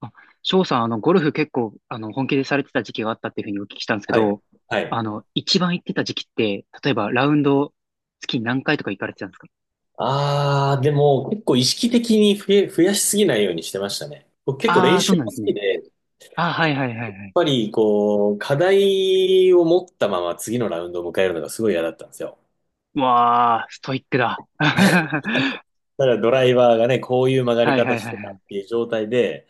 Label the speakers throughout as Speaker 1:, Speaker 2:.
Speaker 1: あ、翔さん、ゴルフ結構、本気でされてた時期があったっていうふうにお聞きしたんですけ
Speaker 2: はい。
Speaker 1: ど、
Speaker 2: はい。
Speaker 1: 一番行ってた時期って、例えばラウンド月に何回とか行かれてたんですか？
Speaker 2: ああ、でも結構意識的に増やしすぎないようにしてましたね。僕結構
Speaker 1: ああ
Speaker 2: 練
Speaker 1: ー、そう
Speaker 2: 習が
Speaker 1: なん
Speaker 2: 好
Speaker 1: です
Speaker 2: き
Speaker 1: ね。
Speaker 2: で、やっ
Speaker 1: ああ、はいはいはいはい。
Speaker 2: ぱりこう、課題を持ったまま次のラウンドを迎えるのがすごい嫌だったんですよ。
Speaker 1: わあ、ストイックだ。は
Speaker 2: ただドライバーがね、こういう曲が
Speaker 1: い
Speaker 2: り
Speaker 1: はいは
Speaker 2: 方
Speaker 1: い
Speaker 2: し
Speaker 1: は
Speaker 2: てたっ
Speaker 1: い。
Speaker 2: ていう状態で、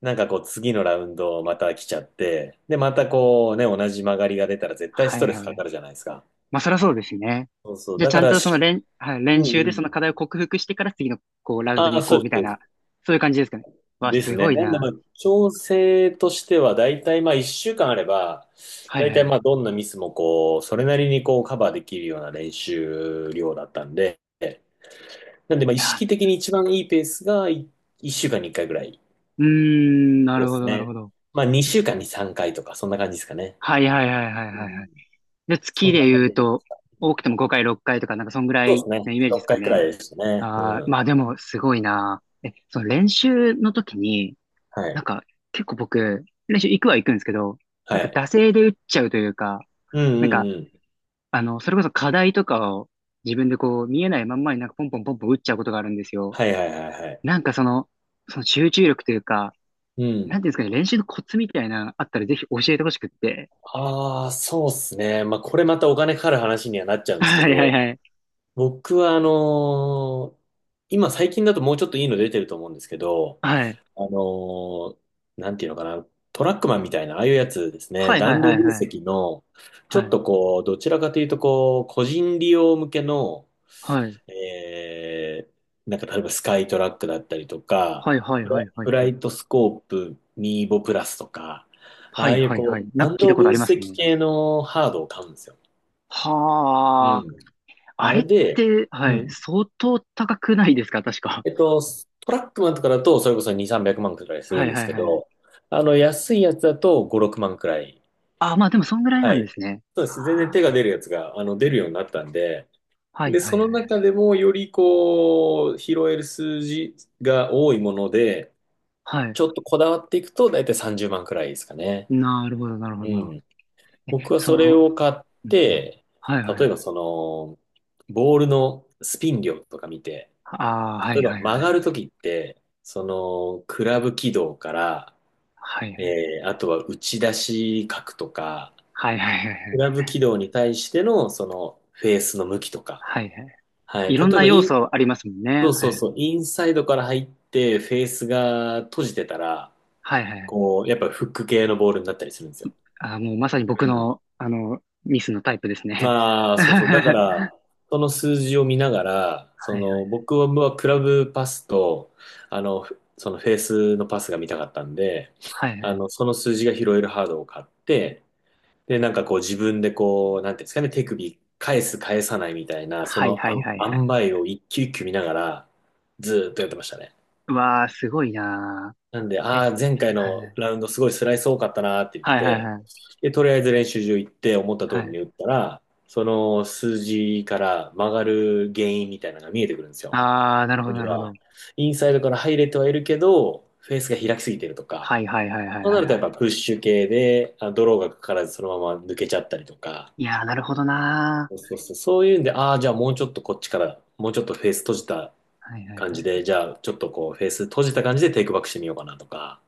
Speaker 2: なんかこう次のラウンドまた来ちゃって、で、またこうね、同じ曲がりが出たら絶対
Speaker 1: は
Speaker 2: ス
Speaker 1: い
Speaker 2: トレ
Speaker 1: は
Speaker 2: ス
Speaker 1: いは
Speaker 2: かか
Speaker 1: い。
Speaker 2: るじゃないですか。
Speaker 1: まあ、そりゃそうですね。
Speaker 2: そうそう。
Speaker 1: じゃあ、
Speaker 2: だ
Speaker 1: ち
Speaker 2: か
Speaker 1: ゃん
Speaker 2: ら
Speaker 1: とその
Speaker 2: し、
Speaker 1: 練、はい、
Speaker 2: う
Speaker 1: 練
Speaker 2: ん
Speaker 1: 習で
Speaker 2: う
Speaker 1: その課
Speaker 2: ん。
Speaker 1: 題を克服してから次の、こう、ラウンド
Speaker 2: ああ、
Speaker 1: に行
Speaker 2: そ
Speaker 1: こうみ
Speaker 2: う
Speaker 1: たい
Speaker 2: で
Speaker 1: な、
Speaker 2: す。
Speaker 1: そういう感じですかね。わあ、
Speaker 2: です
Speaker 1: す
Speaker 2: ね。
Speaker 1: ごい
Speaker 2: なんで、
Speaker 1: な。
Speaker 2: まあ、調整としては、だいたいまあ、1週間あれば、
Speaker 1: は
Speaker 2: だ
Speaker 1: い
Speaker 2: い
Speaker 1: は
Speaker 2: たい
Speaker 1: い。
Speaker 2: まあ、どんなミスもこう、それなりにこう、カバーできるような練習量だったんで、なんで、まあ、
Speaker 1: い
Speaker 2: 意
Speaker 1: や
Speaker 2: 識
Speaker 1: ー、
Speaker 2: 的に一番いいペースが1週間に1回ぐらい。
Speaker 1: うーん、な
Speaker 2: そ
Speaker 1: る
Speaker 2: うで
Speaker 1: ほ
Speaker 2: す
Speaker 1: どなるほ
Speaker 2: ね。
Speaker 1: ど。
Speaker 2: まあ、2週間に3回とか、そんな感じですかね。
Speaker 1: はいはいはいはいは
Speaker 2: う
Speaker 1: いは
Speaker 2: ん。
Speaker 1: い。で、月
Speaker 2: そん
Speaker 1: で
Speaker 2: な感
Speaker 1: 言う
Speaker 2: じ。
Speaker 1: と、多くても5回6回とか、なんかそんぐら
Speaker 2: そう
Speaker 1: い
Speaker 2: です
Speaker 1: の
Speaker 2: ね。
Speaker 1: イメージで
Speaker 2: 6
Speaker 1: すか
Speaker 2: 回くら
Speaker 1: ね。
Speaker 2: いでしたね。
Speaker 1: ああ、
Speaker 2: うん。
Speaker 1: まあでもすごいな。え、その練習の時に、
Speaker 2: はい。
Speaker 1: なんか結構僕、練習行くは行くんですけど、
Speaker 2: は
Speaker 1: なんか
Speaker 2: い。
Speaker 1: 惰性で打っちゃうというか、
Speaker 2: うん
Speaker 1: な
Speaker 2: う
Speaker 1: ん
Speaker 2: ん
Speaker 1: か、
Speaker 2: うん。
Speaker 1: それこそ課題とかを自分でこう見えないまんまになんかポンポンポンポン打っちゃうことがあるんですよ。
Speaker 2: はいはいはいはい。
Speaker 1: なんかその、その集中力というか、
Speaker 2: う
Speaker 1: な
Speaker 2: ん。
Speaker 1: んていうんですかね、練習のコツみたいなのあったらぜひ教えてほしくって。
Speaker 2: ああ、そうですね。まあ、これまたお金かかる話にはなっちゃ うんですけ
Speaker 1: はいはい
Speaker 2: ど、
Speaker 1: はい。
Speaker 2: 僕は今最近だともうちょっといいの出てると思うんですけど、
Speaker 1: はい。
Speaker 2: あのーなんていうのかな、トラックマンみたいな、ああいうやつですね、
Speaker 1: はいはい
Speaker 2: 弾
Speaker 1: は
Speaker 2: 道
Speaker 1: い
Speaker 2: 分
Speaker 1: はい
Speaker 2: 析の、ちょ
Speaker 1: は
Speaker 2: っ
Speaker 1: い。
Speaker 2: とこう、どちらかというとこう、個人利用向けの、
Speaker 1: はい。
Speaker 2: えなんか例えばスカイトラックだったりとか、
Speaker 1: はいはいはいは
Speaker 2: フ
Speaker 1: い
Speaker 2: ラ
Speaker 1: はい。
Speaker 2: イトスコープミーボプラスとか、あ
Speaker 1: は
Speaker 2: あ
Speaker 1: い
Speaker 2: いう
Speaker 1: はい
Speaker 2: こ
Speaker 1: は
Speaker 2: う、
Speaker 1: い。なんか
Speaker 2: 弾
Speaker 1: 聞いた
Speaker 2: 道
Speaker 1: こと
Speaker 2: 分
Speaker 1: あります
Speaker 2: 析
Speaker 1: ね。
Speaker 2: 系のハードを買うんですよ。う
Speaker 1: はあ。
Speaker 2: ん。
Speaker 1: あ
Speaker 2: あ
Speaker 1: れ
Speaker 2: れ
Speaker 1: っ
Speaker 2: で、
Speaker 1: て、は
Speaker 2: う
Speaker 1: い。
Speaker 2: ん。
Speaker 1: 相当高くないですか確か。
Speaker 2: えっと、トラックマンとかだと、それこそ2、300万くまんくらい す
Speaker 1: は
Speaker 2: るん
Speaker 1: い
Speaker 2: で
Speaker 1: は
Speaker 2: す
Speaker 1: い
Speaker 2: け
Speaker 1: はい。
Speaker 2: ど、あの、安いやつだと5、6万くらい。
Speaker 1: あ、まあでもそんぐらいな
Speaker 2: は
Speaker 1: ん
Speaker 2: い。
Speaker 1: ですね。
Speaker 2: そうです。全然
Speaker 1: はあ
Speaker 2: 手が出るやつが、あの、出るようになったんで、
Speaker 1: はい
Speaker 2: で、
Speaker 1: は
Speaker 2: そ
Speaker 1: い
Speaker 2: の
Speaker 1: はい。
Speaker 2: 中でもよりこう、拾える数字が多いもので、
Speaker 1: はい。
Speaker 2: ちょっとこだわっていくと、だいたい30万くらいですかね。
Speaker 1: なるほどなるほ
Speaker 2: う
Speaker 1: どなるほど。
Speaker 2: ん。
Speaker 1: え、
Speaker 2: 僕は
Speaker 1: そ
Speaker 2: それ
Speaker 1: の、
Speaker 2: を買っ
Speaker 1: うんうん。
Speaker 2: て、
Speaker 1: はいはいはい。
Speaker 2: 例えばその、ボールのスピン量とか見て、
Speaker 1: ああ、は
Speaker 2: 例え
Speaker 1: い
Speaker 2: ば
Speaker 1: はい
Speaker 2: 曲
Speaker 1: は
Speaker 2: が
Speaker 1: い。
Speaker 2: るときって、その、クラブ軌道から、
Speaker 1: はいはい。
Speaker 2: あとは打ち出し角とか、
Speaker 1: はいはいはいは
Speaker 2: ク
Speaker 1: い。
Speaker 2: ラブ軌道に対しての、その、フェースの向きとか。
Speaker 1: はいはい。
Speaker 2: はい。
Speaker 1: い
Speaker 2: 例
Speaker 1: ろん
Speaker 2: え
Speaker 1: な
Speaker 2: ば
Speaker 1: 要
Speaker 2: イン、
Speaker 1: 素ありますもん
Speaker 2: そ
Speaker 1: ね。
Speaker 2: うそ
Speaker 1: は
Speaker 2: う
Speaker 1: い。
Speaker 2: そう、インサイドから入って、フェースが閉じてたら、
Speaker 1: はいはいはい。
Speaker 2: こう、やっぱフック系のボールになったりするんですよ。
Speaker 1: ああ、もうまさに僕
Speaker 2: うん。
Speaker 1: の、あの、ミスのタイプですね。
Speaker 2: ああ、そうそう。だか
Speaker 1: は
Speaker 2: ら、その数字を見ながら、そ
Speaker 1: いは
Speaker 2: の、
Speaker 1: い。
Speaker 2: 僕はクラブパスと、あの、そのフェースのパスが見たかったんで、
Speaker 1: はいは
Speaker 2: あ
Speaker 1: い。
Speaker 2: の、その数字が拾えるハードを買って、で、なんかこう自分でこう、なんていうんですかね、手首返す返さないみたいな、そ
Speaker 1: はい
Speaker 2: の
Speaker 1: は
Speaker 2: あ
Speaker 1: い
Speaker 2: ん
Speaker 1: はいは
Speaker 2: 塩
Speaker 1: い。
Speaker 2: 梅を一球一球見ながら、ずーっとやってましたね。
Speaker 1: うわあ、すごいな
Speaker 2: なんで、
Speaker 1: ー。え、
Speaker 2: ああ、前回
Speaker 1: は
Speaker 2: の
Speaker 1: い
Speaker 2: ラウンドすごいスライス多かったなーって言っ
Speaker 1: はいはい
Speaker 2: て、
Speaker 1: はい。
Speaker 2: で、とりあえず練習場行って思った通
Speaker 1: は
Speaker 2: り
Speaker 1: い。
Speaker 2: に打ったら、その数字から曲がる原因みたいなのが見えてくるんですよ。
Speaker 1: ああ、なるほ
Speaker 2: そ
Speaker 1: ど
Speaker 2: れ
Speaker 1: なるほど。
Speaker 2: が、インサイドから入れてはいるけど、フェースが開きすぎてるとか、
Speaker 1: はいはいはいはい
Speaker 2: そうな
Speaker 1: はい
Speaker 2: ると
Speaker 1: は
Speaker 2: やっ
Speaker 1: い。
Speaker 2: ぱプッシュ系で、あ、ドローがかからずそのまま抜けちゃったりとか、
Speaker 1: いやー、なるほどな
Speaker 2: そうそうそう、そういうんで、ああ、じゃあもうちょっとこっちから、もうちょっとフェース閉じた
Speaker 1: ー。はいはいは
Speaker 2: 感じ
Speaker 1: い。
Speaker 2: で、じゃあちょっとこうフェース閉じた感じでテイクバックしてみようかなとか、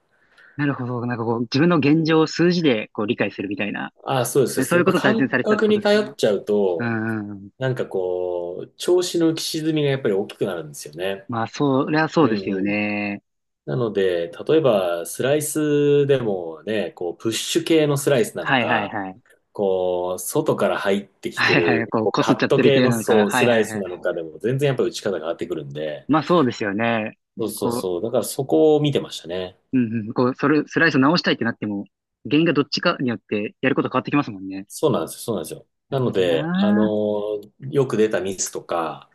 Speaker 1: なるほど。なんかこう、自分の現状を数字でこう理解するみたいな。
Speaker 2: ああ、そうです、そうで
Speaker 1: そ
Speaker 2: す。
Speaker 1: うい
Speaker 2: やっ
Speaker 1: うこ
Speaker 2: ぱ
Speaker 1: とを大切に
Speaker 2: 感
Speaker 1: されてたって
Speaker 2: 覚
Speaker 1: こと
Speaker 2: に
Speaker 1: です
Speaker 2: 頼
Speaker 1: ね。
Speaker 2: っちゃう
Speaker 1: う
Speaker 2: と、
Speaker 1: んうんうん。
Speaker 2: なんかこう、調子の浮き沈みがやっぱり大きくなるんですよね。
Speaker 1: まあ、そりゃ
Speaker 2: う
Speaker 1: そ
Speaker 2: ん
Speaker 1: うです
Speaker 2: う
Speaker 1: よ
Speaker 2: ん。
Speaker 1: ね。
Speaker 2: なので、例えばスライスでもね、こう、プッシュ系のスライスなの
Speaker 1: はいはい
Speaker 2: か、
Speaker 1: はい。
Speaker 2: こう、外から入ってきて
Speaker 1: はいは
Speaker 2: る、
Speaker 1: い。こう、
Speaker 2: こう、
Speaker 1: こす
Speaker 2: カ
Speaker 1: っちゃ
Speaker 2: ッ
Speaker 1: っ
Speaker 2: ト
Speaker 1: てる
Speaker 2: 系
Speaker 1: 系
Speaker 2: の
Speaker 1: なのか。は
Speaker 2: ス
Speaker 1: いは
Speaker 2: ラ
Speaker 1: い
Speaker 2: イス
Speaker 1: はい。
Speaker 2: なのかでも全然やっぱり打ち方が変わってくるんで、
Speaker 1: まあそうですよね。
Speaker 2: そうそう
Speaker 1: こ
Speaker 2: そ
Speaker 1: う、
Speaker 2: う。だからそこを見てましたね。
Speaker 1: うんうん、こう、それ、スライスを直したいってなっても、原因がどっちかによってやること変わってきますもんね。
Speaker 2: そうなんですよ、そうなんですよ。
Speaker 1: な
Speaker 2: な
Speaker 1: る
Speaker 2: の
Speaker 1: ほど
Speaker 2: で、
Speaker 1: な
Speaker 2: よく出たミスとか、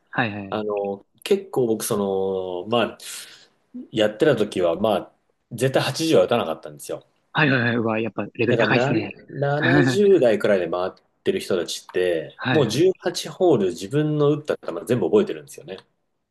Speaker 2: あの、結構僕、その、まあ、やってた時は、まあ、絶対80は打たなかったんですよ。
Speaker 1: はいはいはいはいはい。うわ、やっぱレベル
Speaker 2: だから
Speaker 1: 高いです
Speaker 2: な、
Speaker 1: ね。
Speaker 2: 70代くらいで回ってる人たちって、
Speaker 1: は
Speaker 2: も
Speaker 1: い
Speaker 2: う
Speaker 1: はい。
Speaker 2: 18ホール自分の打った球全部覚えてるんですよね。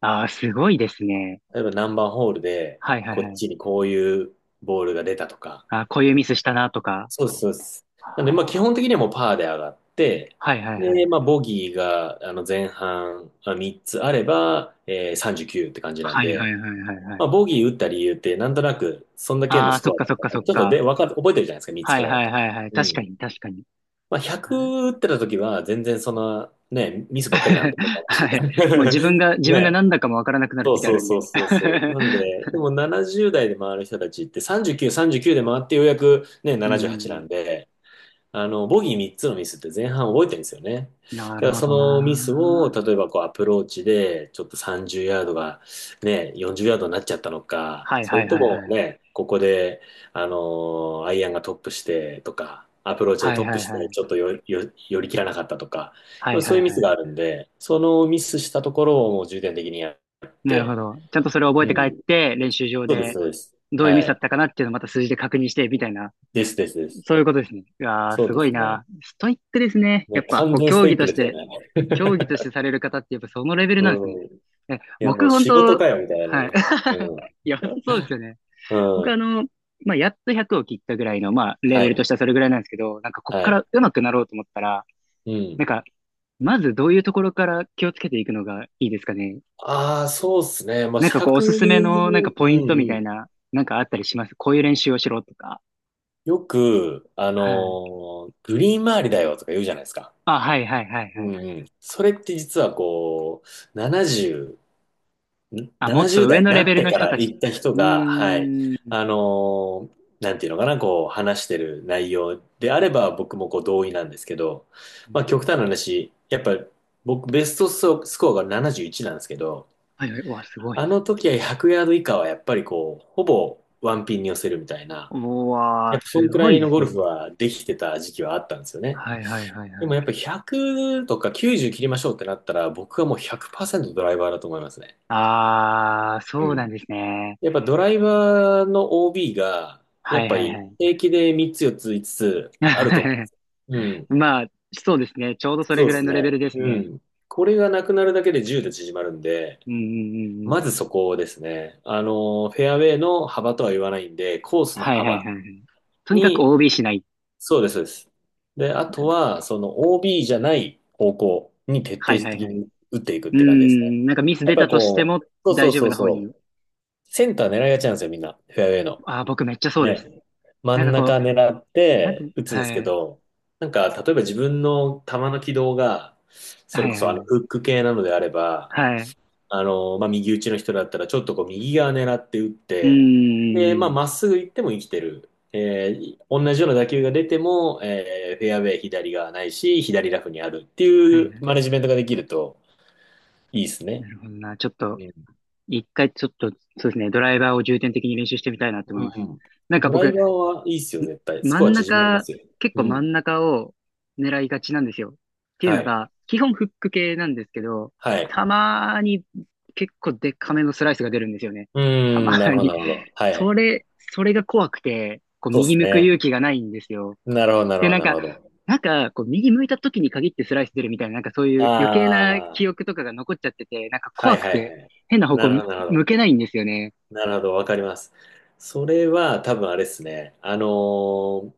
Speaker 1: ああ、すごいですね。
Speaker 2: 例えば何番ホールで、
Speaker 1: はいはい
Speaker 2: こ
Speaker 1: は
Speaker 2: っ
Speaker 1: い。
Speaker 2: ちにこういうボールが出たとか。
Speaker 1: あー、こういうミスしたなとか。
Speaker 2: そうです、そうです。なので、まあ、基
Speaker 1: は
Speaker 2: 本的
Speaker 1: あ、
Speaker 2: にはもうパーで上がって、
Speaker 1: はいはいは
Speaker 2: で、
Speaker 1: い。
Speaker 2: まあ、ボギーが、あの、前半、3つあれば、39って感じなん
Speaker 1: はいはい
Speaker 2: で、
Speaker 1: はいはいはい。
Speaker 2: まあ、ボギー打った理由って、なんとなく、そんだけの
Speaker 1: ああ、
Speaker 2: ス
Speaker 1: そ
Speaker 2: コ
Speaker 1: っ
Speaker 2: ア
Speaker 1: か
Speaker 2: だっ
Speaker 1: そ
Speaker 2: た
Speaker 1: っか
Speaker 2: か
Speaker 1: そっ
Speaker 2: ら、ちょっと
Speaker 1: か。
Speaker 2: で、わかる、覚えてるじゃないですか、3つ
Speaker 1: は
Speaker 2: く
Speaker 1: い
Speaker 2: らいだ
Speaker 1: は
Speaker 2: った
Speaker 1: い
Speaker 2: ら。
Speaker 1: はいはい。
Speaker 2: う
Speaker 1: 確か
Speaker 2: ん。
Speaker 1: に確かに。
Speaker 2: まあ、
Speaker 1: はい
Speaker 2: 100打ってた時は、全然その、ね、ミスばっかりなんで、私
Speaker 1: はいもう自分が、自分が
Speaker 2: ね。
Speaker 1: 何だかもわからなくなる
Speaker 2: そう
Speaker 1: ときあ
Speaker 2: そう
Speaker 1: るん
Speaker 2: そう
Speaker 1: で。
Speaker 2: そうそう。なん で、でも70代で回る人たちって39、39で回ってようやくね、
Speaker 1: う
Speaker 2: 78なじゅう
Speaker 1: ん。
Speaker 2: はちなんで、あの、ボギー3つのミスって前半覚えてるんですよね。
Speaker 1: な
Speaker 2: だか
Speaker 1: る
Speaker 2: ら
Speaker 1: ほ
Speaker 2: そ
Speaker 1: ど
Speaker 2: のミスを、
Speaker 1: な。
Speaker 2: 例えばこうアプローチで、ちょっと30ヤードがね、40ヤードになっちゃったのか、
Speaker 1: はい
Speaker 2: そ
Speaker 1: は
Speaker 2: れ
Speaker 1: い
Speaker 2: と
Speaker 1: はい
Speaker 2: も
Speaker 1: はい。
Speaker 2: ね、ここで、あのアイアンがトップしてとか、アプローチで
Speaker 1: はい
Speaker 2: トッ
Speaker 1: は
Speaker 2: プ
Speaker 1: い
Speaker 2: し
Speaker 1: は
Speaker 2: て、
Speaker 1: い。
Speaker 2: ちょっと寄り切らなかったとか、
Speaker 1: はい
Speaker 2: そ
Speaker 1: は
Speaker 2: うい
Speaker 1: い
Speaker 2: うミ
Speaker 1: は
Speaker 2: ス
Speaker 1: い。
Speaker 2: があるんで、そのミスしたところをもう重点的にやっ
Speaker 1: なるほ
Speaker 2: て、
Speaker 1: ど。ちゃんとそれを覚え
Speaker 2: う
Speaker 1: て帰っ
Speaker 2: ん。
Speaker 1: て、練習場
Speaker 2: そうです、
Speaker 1: で
Speaker 2: そうです。
Speaker 1: どういう
Speaker 2: は
Speaker 1: ミスだっ
Speaker 2: い。
Speaker 1: たかなっていうのをまた数字で確認して、みたいな。
Speaker 2: です、です、です。
Speaker 1: そういうことですね。いやー、
Speaker 2: そう
Speaker 1: す
Speaker 2: で
Speaker 1: ごい
Speaker 2: すね。
Speaker 1: な。ストイックですね。や
Speaker 2: ね、
Speaker 1: っぱ、
Speaker 2: 完
Speaker 1: こう、
Speaker 2: 全ス
Speaker 1: 競
Speaker 2: テイ
Speaker 1: 技
Speaker 2: ッ
Speaker 1: と
Speaker 2: ク
Speaker 1: し
Speaker 2: ですよ
Speaker 1: て、
Speaker 2: ね。
Speaker 1: 競技 としてされる方って、やっぱそのレベルなんですね。
Speaker 2: うん。い
Speaker 1: え、
Speaker 2: や、も
Speaker 1: 僕、
Speaker 2: う
Speaker 1: 本
Speaker 2: 仕事
Speaker 1: 当
Speaker 2: かよ、みたいな
Speaker 1: は
Speaker 2: ね。
Speaker 1: い。
Speaker 2: う
Speaker 1: い
Speaker 2: ん。
Speaker 1: や、そうですよね。
Speaker 2: う
Speaker 1: 僕、あ
Speaker 2: ん。
Speaker 1: の、まあ、やっと100を切ったぐらいの、まあ、レ
Speaker 2: は
Speaker 1: ベルと
Speaker 2: い。
Speaker 1: してはそれぐらいなんですけど、こっ
Speaker 2: は
Speaker 1: から
Speaker 2: い。
Speaker 1: 上手くなろうと思ったら、
Speaker 2: う
Speaker 1: な
Speaker 2: ん。
Speaker 1: んか、まずどういうところから気をつけていくのがいいですかね。
Speaker 2: ああ、そうっすね。まあ、
Speaker 1: なんかこう、お
Speaker 2: 100、う
Speaker 1: すすめのなんか
Speaker 2: ん
Speaker 1: ポイントみた
Speaker 2: う
Speaker 1: い
Speaker 2: ん。
Speaker 1: な、なんかあったりしますこういう練習をしろとか。
Speaker 2: よく、
Speaker 1: はい。
Speaker 2: グリーン周りだよとか言うじゃないですか。
Speaker 1: あ、はいはいはい
Speaker 2: う
Speaker 1: は
Speaker 2: ん
Speaker 1: い。
Speaker 2: うん。それって実はこう、
Speaker 1: あ、もっと
Speaker 2: 70
Speaker 1: 上
Speaker 2: 代に
Speaker 1: の
Speaker 2: な
Speaker 1: レ
Speaker 2: っ
Speaker 1: ベル
Speaker 2: て
Speaker 1: の
Speaker 2: か
Speaker 1: 人
Speaker 2: ら
Speaker 1: たち。
Speaker 2: 行った人
Speaker 1: う
Speaker 2: が、はい、
Speaker 1: ーん。
Speaker 2: なんていうのかな、こう話してる内容であれば僕もこう同意なんですけど、まあ極端な話、やっぱ僕ベストスコアが71なじゅういちなんですけど、
Speaker 1: はいはい。うわ、すごい。
Speaker 2: あの時は100ヤード以下はやっぱりこう、ほぼワンピンに寄せるみたいな、
Speaker 1: う
Speaker 2: や
Speaker 1: わ
Speaker 2: っ
Speaker 1: ー、
Speaker 2: ぱそん
Speaker 1: す
Speaker 2: くら
Speaker 1: ごい
Speaker 2: い
Speaker 1: で
Speaker 2: のゴ
Speaker 1: す
Speaker 2: ル
Speaker 1: ね。
Speaker 2: フはできてた時期はあったんですよね。
Speaker 1: はいはいはい
Speaker 2: で
Speaker 1: は
Speaker 2: も
Speaker 1: い。
Speaker 2: やっぱ100とか90切りましょうってなったら僕はもう100%ドライバーだと思いますね。
Speaker 1: あー、
Speaker 2: う
Speaker 1: そうなん
Speaker 2: ん。
Speaker 1: ですね。
Speaker 2: やっぱドライバーの OB が、や
Speaker 1: は
Speaker 2: っ
Speaker 1: い
Speaker 2: ぱ
Speaker 1: はい
Speaker 2: り
Speaker 1: は
Speaker 2: 平気で3つ、4つ、5つつ
Speaker 1: い。
Speaker 2: あると思うんで すよ。うん。
Speaker 1: まあ、そうですね。ちょうどそれ
Speaker 2: そう
Speaker 1: ぐ
Speaker 2: で
Speaker 1: らい
Speaker 2: す
Speaker 1: のレベル
Speaker 2: ね。
Speaker 1: です
Speaker 2: う
Speaker 1: ね。
Speaker 2: ん。これがなくなるだけで10で縮まるんで、
Speaker 1: うんうんうんうん。
Speaker 2: まずそこですね。あの、フェアウェイの幅とは言わないんで、コースの
Speaker 1: はいはい
Speaker 2: 幅
Speaker 1: はいはい。とにかく
Speaker 2: に、
Speaker 1: OB しない
Speaker 2: そうです、そうです。で、あ
Speaker 1: な
Speaker 2: と
Speaker 1: る
Speaker 2: は、その OB じゃない方向に徹
Speaker 1: はい
Speaker 2: 底
Speaker 1: はい
Speaker 2: 的
Speaker 1: はい。
Speaker 2: に打っていくっ
Speaker 1: うー
Speaker 2: て感じですね。
Speaker 1: ん、なんかミス
Speaker 2: やっ
Speaker 1: 出
Speaker 2: ぱ
Speaker 1: たとして
Speaker 2: こう、
Speaker 1: も
Speaker 2: そうそ
Speaker 1: 大
Speaker 2: う
Speaker 1: 丈
Speaker 2: そ
Speaker 1: 夫
Speaker 2: う
Speaker 1: な方
Speaker 2: そ
Speaker 1: に。
Speaker 2: う、センター狙いがちなんですよ、みんな。フェアウェイの。
Speaker 1: ああ僕めっちゃそうです。
Speaker 2: ね、真
Speaker 1: なん
Speaker 2: ん
Speaker 1: かこ
Speaker 2: 中
Speaker 1: う、
Speaker 2: 狙っ
Speaker 1: なんて、
Speaker 2: て打つんで
Speaker 1: は
Speaker 2: すけ
Speaker 1: い、
Speaker 2: ど、なんか、例えば自分の球の軌道が、そ
Speaker 1: は
Speaker 2: れ
Speaker 1: い
Speaker 2: こそ
Speaker 1: は
Speaker 2: フッ
Speaker 1: い、
Speaker 2: ク系なのであれば、
Speaker 1: はい。
Speaker 2: 右打ちの人だったら、ちょっとこう、右側狙って打っ
Speaker 1: う
Speaker 2: て、で、
Speaker 1: ー
Speaker 2: まあ、
Speaker 1: ん、
Speaker 2: まっすぐ行っても生きてる。同じような打球が出ても、フェアウェイ左側ないし、左ラフにあるって
Speaker 1: はい
Speaker 2: いう
Speaker 1: は
Speaker 2: マネジメント
Speaker 1: い。
Speaker 2: ができるといいです
Speaker 1: な
Speaker 2: ね。
Speaker 1: るほどな。ちょっと、
Speaker 2: うん。
Speaker 1: 一回ちょっと、そうですね、ドライバーを重点的に練習してみたいなって思いま
Speaker 2: う
Speaker 1: す。
Speaker 2: ん。
Speaker 1: なんか
Speaker 2: ドライ
Speaker 1: 僕、
Speaker 2: バーはいいっすよ、絶対。ス
Speaker 1: 真
Speaker 2: コア
Speaker 1: ん
Speaker 2: 縮まりま
Speaker 1: 中、
Speaker 2: すよ。
Speaker 1: 結
Speaker 2: う
Speaker 1: 構真
Speaker 2: ん。
Speaker 1: ん中を狙いがちなんですよ。っていう
Speaker 2: は
Speaker 1: の
Speaker 2: い。
Speaker 1: が、基本フック系なんですけど、
Speaker 2: はい。
Speaker 1: たまーに結構デカめのスライスが出るんですよね。
Speaker 2: う
Speaker 1: たま
Speaker 2: ーん、な
Speaker 1: ー
Speaker 2: るほど、な
Speaker 1: に。
Speaker 2: るほど。はい。
Speaker 1: それが怖くて、こう
Speaker 2: そうで
Speaker 1: 右
Speaker 2: す
Speaker 1: 向く勇
Speaker 2: ね。
Speaker 1: 気がないんですよ。
Speaker 2: なるほど、なる
Speaker 1: で、
Speaker 2: ほど、なるほど。
Speaker 1: なんか、こう右向いた時に限ってスライス出るみたいな、なんかそういう余計な
Speaker 2: あ
Speaker 1: 記
Speaker 2: あ、
Speaker 1: 憶とかが残っちゃってて、なんか
Speaker 2: は
Speaker 1: 怖
Speaker 2: い
Speaker 1: く
Speaker 2: はい
Speaker 1: て、
Speaker 2: はい。
Speaker 1: 変な方
Speaker 2: なるほ
Speaker 1: 向
Speaker 2: ど、なるほ
Speaker 1: 向
Speaker 2: ど。
Speaker 1: けないんですよね。
Speaker 2: なるほど、わかります。それは多分あれですね。ー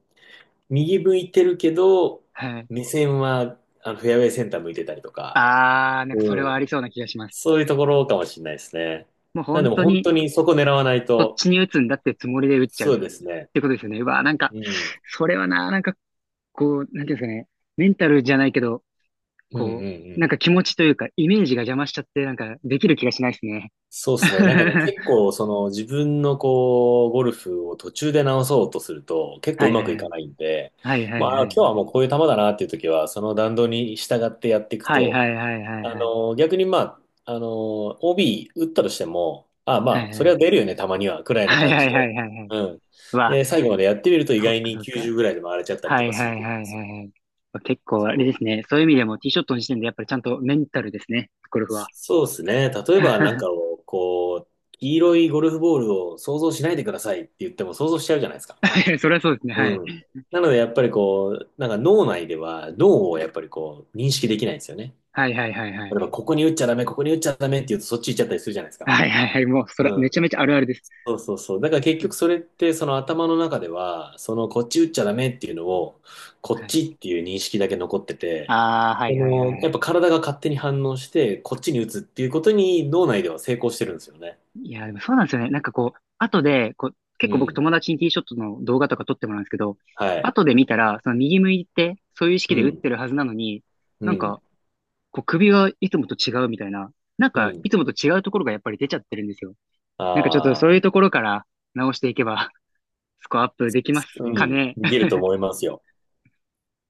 Speaker 2: 右向いてるけど、
Speaker 1: はい。
Speaker 2: 目線はあのフェアウェイセンター向いてたりとか、
Speaker 1: あー、なんかそれ
Speaker 2: うん。
Speaker 1: はありそうな気がします。
Speaker 2: そういうところかもしれないですね。
Speaker 1: もう
Speaker 2: なんで
Speaker 1: 本
Speaker 2: も
Speaker 1: 当
Speaker 2: 本
Speaker 1: に、
Speaker 2: 当にそこ狙わない
Speaker 1: そっ
Speaker 2: と、
Speaker 1: ちに打つんだってつもりで打っちゃうっ
Speaker 2: そうですね。
Speaker 1: てことですよね。うわー、なんか、
Speaker 2: うん。
Speaker 1: それはな、なんか、こう、なんていうんですかね、メンタルじゃないけど、
Speaker 2: うんうん
Speaker 1: こ
Speaker 2: う
Speaker 1: う、な
Speaker 2: ん。
Speaker 1: んか気持ちというか、イメージが邪魔しちゃって、なんか、できる気がしないですね。
Speaker 2: そうですね。なんかね、結 構、その自分のこう、ゴルフを途中で直そうとすると、結構
Speaker 1: は
Speaker 2: う
Speaker 1: い
Speaker 2: ま
Speaker 1: はい
Speaker 2: くい
Speaker 1: は
Speaker 2: か
Speaker 1: い。
Speaker 2: ないんで、
Speaker 1: はいはい
Speaker 2: まあ、
Speaker 1: はい
Speaker 2: 今
Speaker 1: は
Speaker 2: 日
Speaker 1: い。
Speaker 2: はもうこういう球だなっていう時は、その弾道に従ってやっていく
Speaker 1: はい
Speaker 2: と、
Speaker 1: はいはい
Speaker 2: あ
Speaker 1: はい
Speaker 2: の、逆にまあ、あの、OB 打ったとしても、ああ
Speaker 1: は
Speaker 2: まあ、
Speaker 1: い
Speaker 2: そ
Speaker 1: は
Speaker 2: れは
Speaker 1: い。
Speaker 2: 出るよね、たまには、くらいの
Speaker 1: はい
Speaker 2: 感
Speaker 1: はい
Speaker 2: じで。
Speaker 1: はいはいはい。
Speaker 2: うん。
Speaker 1: うわ、
Speaker 2: で、最後までやってみると意
Speaker 1: そっ
Speaker 2: 外
Speaker 1: か
Speaker 2: に
Speaker 1: そっか。
Speaker 2: 90ぐらいで回れちゃったり
Speaker 1: は
Speaker 2: とか
Speaker 1: い
Speaker 2: する
Speaker 1: はいはいはい
Speaker 2: と思うんです
Speaker 1: はい。結構あれで
Speaker 2: よ。
Speaker 1: すね。そういう意味でもティーショットの時点でやっぱりちゃんとメンタルですね。ゴルフは。
Speaker 2: そうですね。例えばなんか をこう、黄色いゴルフボールを想像しないでくださいって言っても想像しちゃうじゃないですか。
Speaker 1: それはそうですね。
Speaker 2: う
Speaker 1: はい。
Speaker 2: ん。なのでやっぱりこう、なんか脳内では脳をやっぱりこう認識できないんですよね。
Speaker 1: はいはいはいは
Speaker 2: 例
Speaker 1: い。
Speaker 2: えばここに打っちゃダメ、ここに打っちゃダメって言うとそっち行っちゃったりするじゃないですか。
Speaker 1: はいはいはい。もう、それ、
Speaker 2: う
Speaker 1: め
Speaker 2: ん。
Speaker 1: ちゃめちゃあるあるです。
Speaker 2: そうそうそう。だから結局それってその頭の中では、そのこっち打っちゃダメっていうのを、こ
Speaker 1: は
Speaker 2: っ
Speaker 1: い。
Speaker 2: ちっていう認識だけ残ってて、
Speaker 1: ああ、は
Speaker 2: そ
Speaker 1: いはいはいは
Speaker 2: の、やっぱ
Speaker 1: い。
Speaker 2: 体が勝手に反応して、こっちに打つっていうことに脳内では成功してるんですよね。
Speaker 1: いや、でもそうなんですよね。なんかこう、後で、こう、結
Speaker 2: う
Speaker 1: 構僕
Speaker 2: ん。
Speaker 1: 友達にティーショットの動画とか撮ってもらうんですけど、
Speaker 2: はい。
Speaker 1: 後で見たら、その右向いて、そういう意識
Speaker 2: う
Speaker 1: で打って
Speaker 2: ん。
Speaker 1: るはずなのに、
Speaker 2: う
Speaker 1: なん
Speaker 2: ん。
Speaker 1: か、こう首がいつもと違うみたいな、なん
Speaker 2: う
Speaker 1: か、
Speaker 2: ん。
Speaker 1: いつもと違うところがやっぱり出ちゃってるんですよ。なんかちょっとそういう
Speaker 2: ああ、
Speaker 1: ところから直していけば、スコアアップできます
Speaker 2: う
Speaker 1: か
Speaker 2: ん。
Speaker 1: ね。
Speaker 2: できると思いますよ。